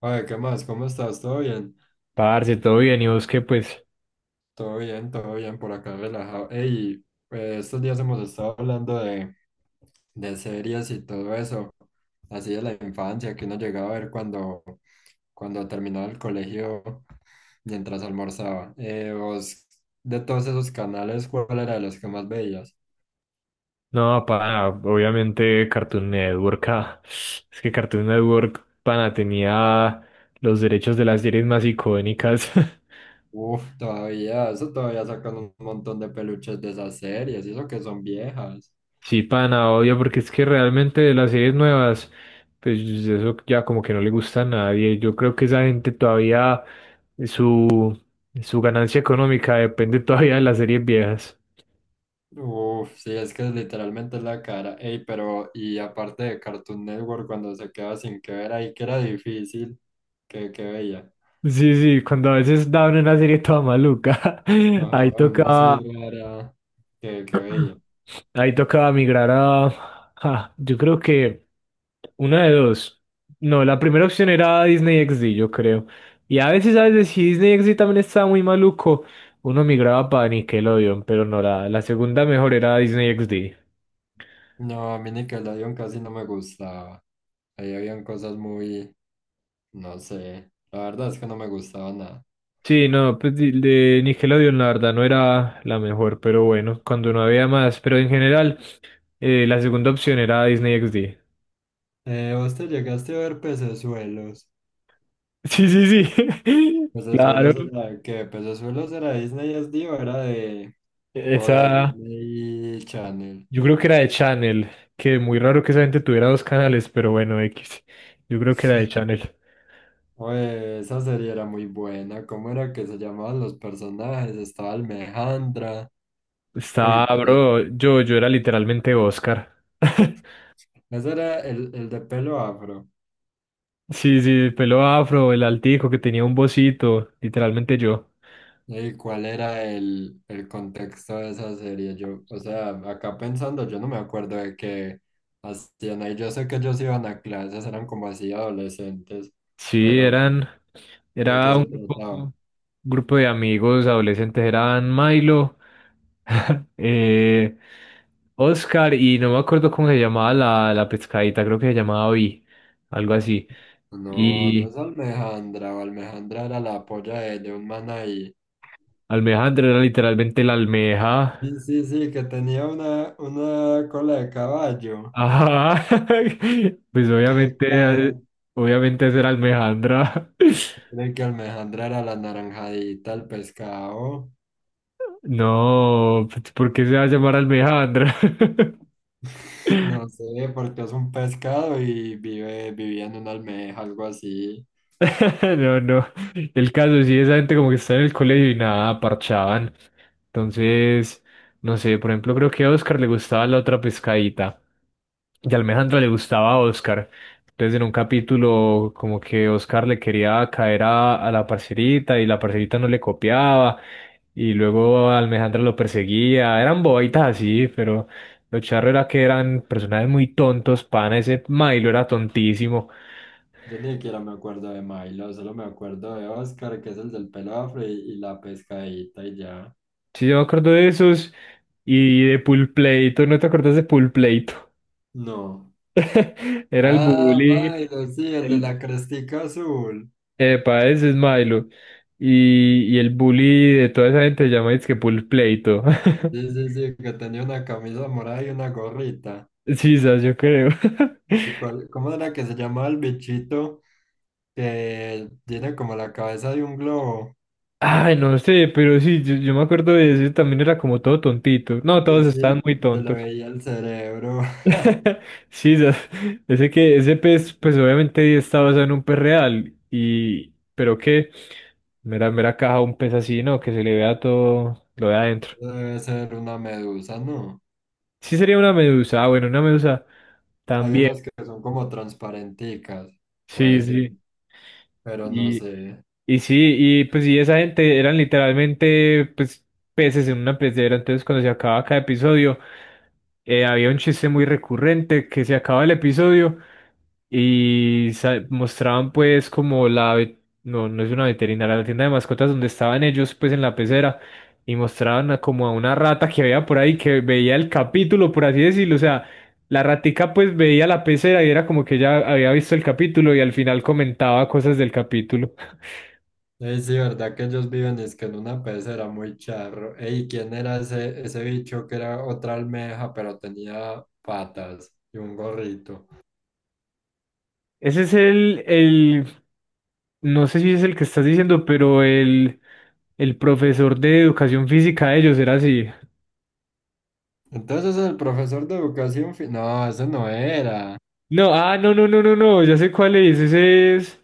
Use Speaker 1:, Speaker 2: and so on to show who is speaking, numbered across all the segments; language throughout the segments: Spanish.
Speaker 1: Oye, ¿qué más? ¿Cómo estás? ¿Todo bien?
Speaker 2: Parce, todo bien, y vos
Speaker 1: Todo bien, todo bien, por acá relajado. Ey, estos días hemos estado hablando de series y todo eso, así de la infancia que uno llegaba a ver cuando terminaba el colegio mientras almorzaba. Vos, de todos esos canales, ¿cuál era de los que más veías?
Speaker 2: no, pana, obviamente Cartoon Network, es que Cartoon Network, pana, tenía los derechos de las series más icónicas.
Speaker 1: Uf, todavía, eso todavía sacan un montón de peluches de esas series, y eso que son viejas.
Speaker 2: Sí, pana, obvio, porque es que realmente de las series nuevas, pues eso ya como que no le gusta a nadie. Yo creo que esa gente todavía, su, su ganancia económica depende todavía de las series viejas.
Speaker 1: Uf, sí, es que literalmente es la cara. Ey, pero y aparte de Cartoon Network, cuando se quedaba sin que ver ahí, que era difícil, que veía.
Speaker 2: Sí, sí, cuando a veces daban una serie toda maluca,
Speaker 1: Ajá,
Speaker 2: ahí
Speaker 1: una serie
Speaker 2: tocaba.
Speaker 1: rara, que veía.
Speaker 2: Ahí tocaba migrar a... yo creo que una de dos. No, la primera opción era Disney XD, yo creo. Y a veces, si Disney XD también estaba muy maluco, uno migraba para Nickelodeon, pero no, la segunda mejor era Disney XD.
Speaker 1: No, a mí Nickelodeon casi no me gustaba. Ahí habían cosas muy, no sé, la verdad es que no me gustaba nada.
Speaker 2: Sí, no, pues de Nickelodeon la verdad no era la mejor, pero bueno, cuando no había más, pero en general, la segunda opción era Disney XD.
Speaker 1: ¿Vos te llegaste a ver Pecesuelos?
Speaker 2: Sí, sí, sí. Claro,
Speaker 1: ¿Pecesuelos era de qué? ¿Pecesuelos era de Disney SD o de
Speaker 2: esa.
Speaker 1: Disney Channel?
Speaker 2: Yo creo que era de Channel, que muy raro que esa gente tuviera dos canales, pero bueno, X. Yo creo que era de Channel.
Speaker 1: Oye, esa serie era muy buena. ¿Cómo era que se llamaban los personajes? Estaba Almejandra. Uy,
Speaker 2: Estaba,
Speaker 1: pero
Speaker 2: bro, yo era literalmente Oscar.
Speaker 1: ese era el de pelo afro.
Speaker 2: Sí, sí, el pelo afro, el altico que tenía un bocito, literalmente yo.
Speaker 1: ¿Y cuál era el contexto de esa serie? Yo, o sea, acá pensando, yo no me acuerdo de qué hacían ahí. Yo sé que ellos iban a clases, eran como así adolescentes,
Speaker 2: Sí,
Speaker 1: pero
Speaker 2: eran,
Speaker 1: ¿de qué
Speaker 2: Era
Speaker 1: se trataba?
Speaker 2: un grupo de amigos adolescentes, eran Milo, eh, Oscar y no me acuerdo cómo se llamaba la pescadita, creo que se llamaba Vi, algo así.
Speaker 1: No, no es
Speaker 2: Y,
Speaker 1: Almejandra. O Almejandra era la polla de un man ahí.
Speaker 2: Almejandra era literalmente la almeja.
Speaker 1: Sí, sí, sí, que tenía una cola de caballo.
Speaker 2: Ajá. Pues
Speaker 1: Qué
Speaker 2: obviamente,
Speaker 1: caja.
Speaker 2: obviamente esa Almejandra.
Speaker 1: De que Alejandra era la naranjadita, el pescado.
Speaker 2: No, pues, ¿por qué se va a llamar Almejandra?
Speaker 1: No sé, porque es un pescado y vivía en una almeja, algo así.
Speaker 2: No, no. El caso sí, esa gente como que está en el colegio y nada, parchaban. Entonces, no sé, por ejemplo, creo que a Oscar le gustaba la otra pescadita. Y a Alejandra le gustaba a Oscar. Entonces, en un capítulo, como que Oscar le quería caer a la parcerita y la parcerita no le copiaba. Y luego a Alejandra lo perseguía. Eran bobaitas así, pero lo charro era que eran personajes muy tontos, pana. Ese Milo era tontísimo.
Speaker 1: Yo ni siquiera me acuerdo de Milo, solo me acuerdo de Oscar, que es el del pelo afro, y la pescadita y ya.
Speaker 2: Sí, yo me acuerdo de esos y de Pulpleito, ¿no te acuerdas de Pulpleito?
Speaker 1: No.
Speaker 2: Era el
Speaker 1: Ah,
Speaker 2: bully,
Speaker 1: Milo, sí, el de la
Speaker 2: el...
Speaker 1: crestica azul.
Speaker 2: Epa, ese es Milo. Y el bully de toda esa gente se llama es que Pulpleito.
Speaker 1: Sí, sí, sí, que tenía una camisa morada y una gorrita.
Speaker 2: Sí, sas, yo creo.
Speaker 1: ¿Y cuál, cómo era que se llamaba el bichito que tiene como la cabeza de un globo?
Speaker 2: Ay, no sé, pero sí, yo me acuerdo de ese, también era como todo tontito. No,
Speaker 1: Sí,
Speaker 2: todos estaban
Speaker 1: sí,
Speaker 2: muy
Speaker 1: se le
Speaker 2: tontos.
Speaker 1: veía el cerebro.
Speaker 2: Sí, ese que ese pez, pues obviamente está basado en un pez real y pero que mera mera caja un pez así, ¿no? Que se le vea todo lo de adentro.
Speaker 1: Debe ser una medusa, ¿no?
Speaker 2: Sí sería una medusa, bueno, una medusa
Speaker 1: Hay
Speaker 2: también.
Speaker 1: unas que son como transparenticas, puede
Speaker 2: Sí,
Speaker 1: ser,
Speaker 2: sí.
Speaker 1: pero no
Speaker 2: Y,
Speaker 1: sé.
Speaker 2: y sí, y pues sí, esa gente eran literalmente pues peces en una pecera, entonces cuando se acababa cada episodio había un chiste muy recurrente que se acababa el episodio y mostraban pues como no, no es una veterinaria, la tienda de mascotas donde estaban ellos pues en la pecera y mostraban como a una rata que había por ahí que veía el capítulo, por así decirlo, o sea, la ratica pues veía la pecera y era como que ella había visto el capítulo y al final comentaba cosas del capítulo.
Speaker 1: Ey, sí, ¿verdad que ellos viven? Es que en una pecera muy charro. Ey, ¿quién era ese, ese bicho que era otra almeja, pero tenía patas y un gorrito?
Speaker 2: Ese es el, no sé si es el que estás diciendo, pero el profesor de educación física de ellos era así.
Speaker 1: Entonces el profesor de No, ese no era.
Speaker 2: No, no, ya sé cuál es,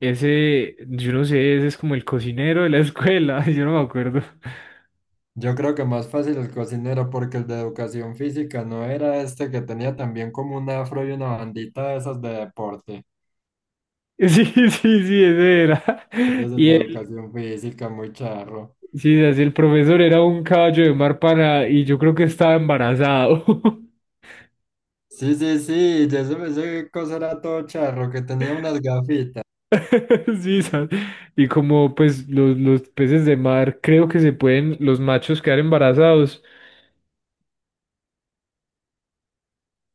Speaker 2: ese, yo no sé, ese es como el cocinero de la escuela, yo no me acuerdo.
Speaker 1: Yo creo que más fácil el cocinero, porque el de educación física no era este que tenía también como un afro y una bandita de esas de deporte.
Speaker 2: Sí, sí, sí, ese era.
Speaker 1: Entonces el
Speaker 2: Y
Speaker 1: de
Speaker 2: él,
Speaker 1: educación física, muy charro.
Speaker 2: sí, así el profesor era un caballo de mar para, y yo creo que estaba embarazado.
Speaker 1: Sí, sí, sí, ya se me ese cosa era todo charro, que tenía unas gafitas.
Speaker 2: Sí, y como pues los peces de mar creo que se pueden, los machos quedar embarazados.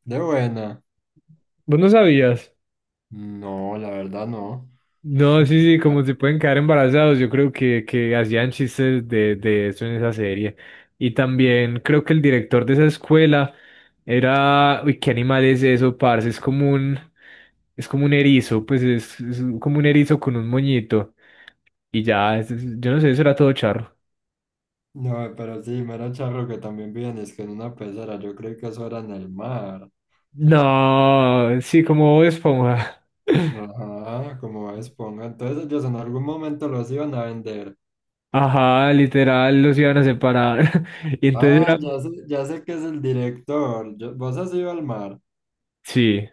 Speaker 1: De buena.
Speaker 2: ¿Vos no sabías?
Speaker 1: No, la verdad no.
Speaker 2: No, sí, sí, como se
Speaker 1: Ah.
Speaker 2: pueden quedar embarazados, yo creo que hacían chistes de eso en esa serie. Y también creo que el director de esa escuela era, uy, ¿qué animal es eso, parce? Es como un erizo, pues es como un erizo con un moñito. Y ya, yo no sé, eso era todo charro.
Speaker 1: No, pero sí, mero charro que también viven, es que en una pecera, yo creí que eso era en el mar.
Speaker 2: No, sí, como Bob Esponja.
Speaker 1: Ajá, como Esponja. Entonces ellos en algún momento los iban a vender.
Speaker 2: Ajá, literal, los iban a separar. Y entonces
Speaker 1: Ah,
Speaker 2: era...
Speaker 1: ya sé que es el director. ¿Vos has ido al mar?
Speaker 2: Sí,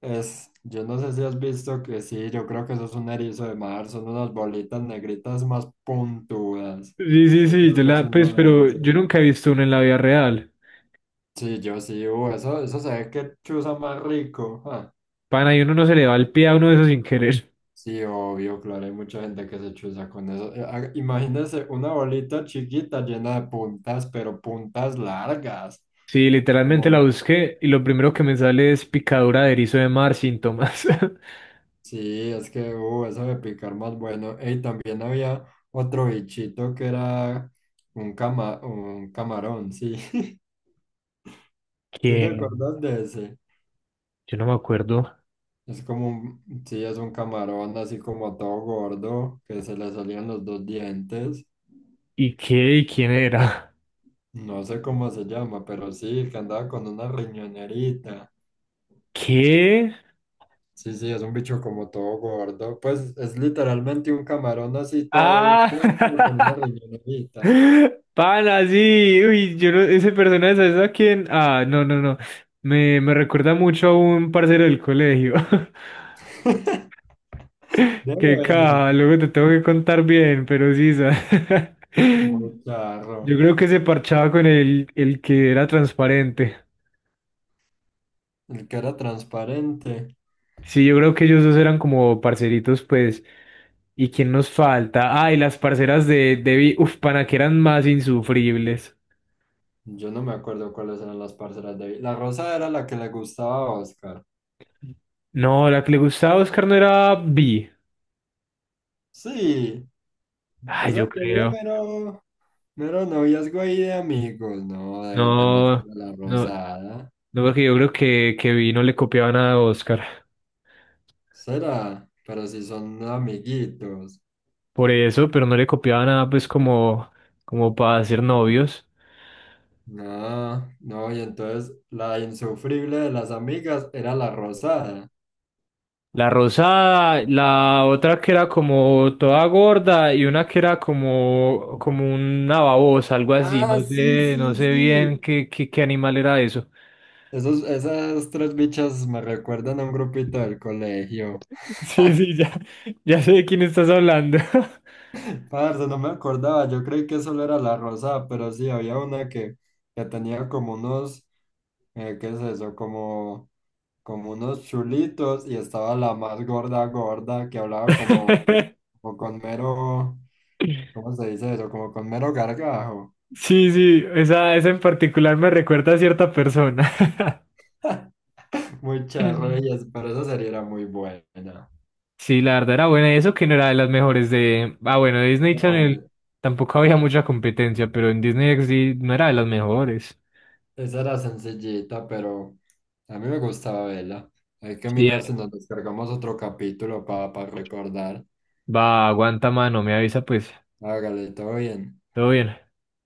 Speaker 1: Es, yo no sé si has visto que sí, yo creo que eso es un erizo de mar, son unas bolitas negritas más puntudas.
Speaker 2: sí, sí,
Speaker 1: Yo
Speaker 2: sí,
Speaker 1: creo
Speaker 2: yo
Speaker 1: que es
Speaker 2: la... Pues,
Speaker 1: uno de
Speaker 2: pero yo
Speaker 1: esos.
Speaker 2: nunca he visto uno en la vida real.
Speaker 1: Sí, yo sí, eso se ve que chuza más rico. Ah.
Speaker 2: Pana, y uno no se le va el pie a uno de esos sin querer.
Speaker 1: Sí, obvio, claro, hay mucha gente que se chuza con eso. Imagínense una bolita chiquita llena de puntas, pero puntas largas.
Speaker 2: Sí, literalmente la busqué y lo primero que me sale es picadura de erizo de mar, síntomas.
Speaker 1: Sí, es que eso de picar más bueno. Y también había otro bichito que era un camarón, sí. ¿Sí te
Speaker 2: ¿Qué?
Speaker 1: acuerdas de ese?
Speaker 2: Yo no me acuerdo.
Speaker 1: Es como sí, es un camarón así como todo gordo, que se le salían los dos dientes.
Speaker 2: ¿Y qué? ¿Y quién era?
Speaker 1: No sé cómo se llama, pero sí, que andaba con una riñonerita.
Speaker 2: ¿Qué?
Speaker 1: Sí, sí, es un bicho como todo gordo. Pues es literalmente un camarón así todo
Speaker 2: Ah,
Speaker 1: hinchado con una riñonerita.
Speaker 2: Pana, sí, uy, yo no, ese personaje, ¿sabes a quién? Ah, no, no, no. Me recuerda mucho a un parcero del colegio.
Speaker 1: De
Speaker 2: Qué caja,
Speaker 1: bueno.
Speaker 2: luego te tengo que contar bien, pero sí, ¿sabes?
Speaker 1: Muy
Speaker 2: Yo
Speaker 1: claro.
Speaker 2: creo que se parchaba con el que era transparente.
Speaker 1: El que era transparente.
Speaker 2: Sí, yo creo que ellos dos eran como parceritos, pues. ¿Y quién nos falta? Ah, y las parceras de Debbie, uf, pana, que eran más insufribles.
Speaker 1: Yo no me acuerdo cuáles eran las parcelas de... La rosa era la que le gustaba a Oscar.
Speaker 2: No, la que le gustaba a Oscar no era Vi.
Speaker 1: Sí. O
Speaker 2: Ay, yo
Speaker 1: sea que había
Speaker 2: creo.
Speaker 1: mero, mero noviazgo ahí de amigos, ¿no? De más que
Speaker 2: No,
Speaker 1: la
Speaker 2: no,
Speaker 1: rosada.
Speaker 2: no, porque yo creo que vi no le copiaba nada a Oscar.
Speaker 1: Será. Pero si son amiguitos.
Speaker 2: Por eso, pero no le copiaba nada, pues, como, como para ser novios.
Speaker 1: No, no. Y entonces la insufrible de las amigas era la rosada.
Speaker 2: La rosada, la otra que era como toda gorda y una que era como, como una babosa, algo así.
Speaker 1: Ah,
Speaker 2: No
Speaker 1: sí,
Speaker 2: sé, no
Speaker 1: sí,
Speaker 2: sé bien
Speaker 1: sí.
Speaker 2: qué, qué animal era eso.
Speaker 1: Esos, esas tres bichas me recuerdan a un grupito del colegio.
Speaker 2: Sí, sí, ya, ya sé de quién estás hablando.
Speaker 1: Parce, no me acordaba, yo creí que solo era la rosada, pero sí, había una que tenía como unos, ¿qué es eso? Como, como unos chulitos y estaba la más gorda, gorda, que hablaba como, como con mero, ¿cómo se dice eso? Como con mero gargajo.
Speaker 2: Sí, sí, esa en particular me recuerda a cierta persona. Sí,
Speaker 1: Muchas gracias, pero esa serie era muy buena.
Speaker 2: la verdad era buena. Y eso que no era de las mejores de. Ah, bueno, de Disney Channel
Speaker 1: No,
Speaker 2: tampoco había mucha competencia, pero en Disney XD no era de las mejores.
Speaker 1: esa era sencillita, pero a mí me gustaba verla. Hay que
Speaker 2: Sí,
Speaker 1: mirar si nos descargamos otro capítulo para recordar.
Speaker 2: va, aguanta mano, me avisa pues.
Speaker 1: Hágale, todo bien.
Speaker 2: Todo bien.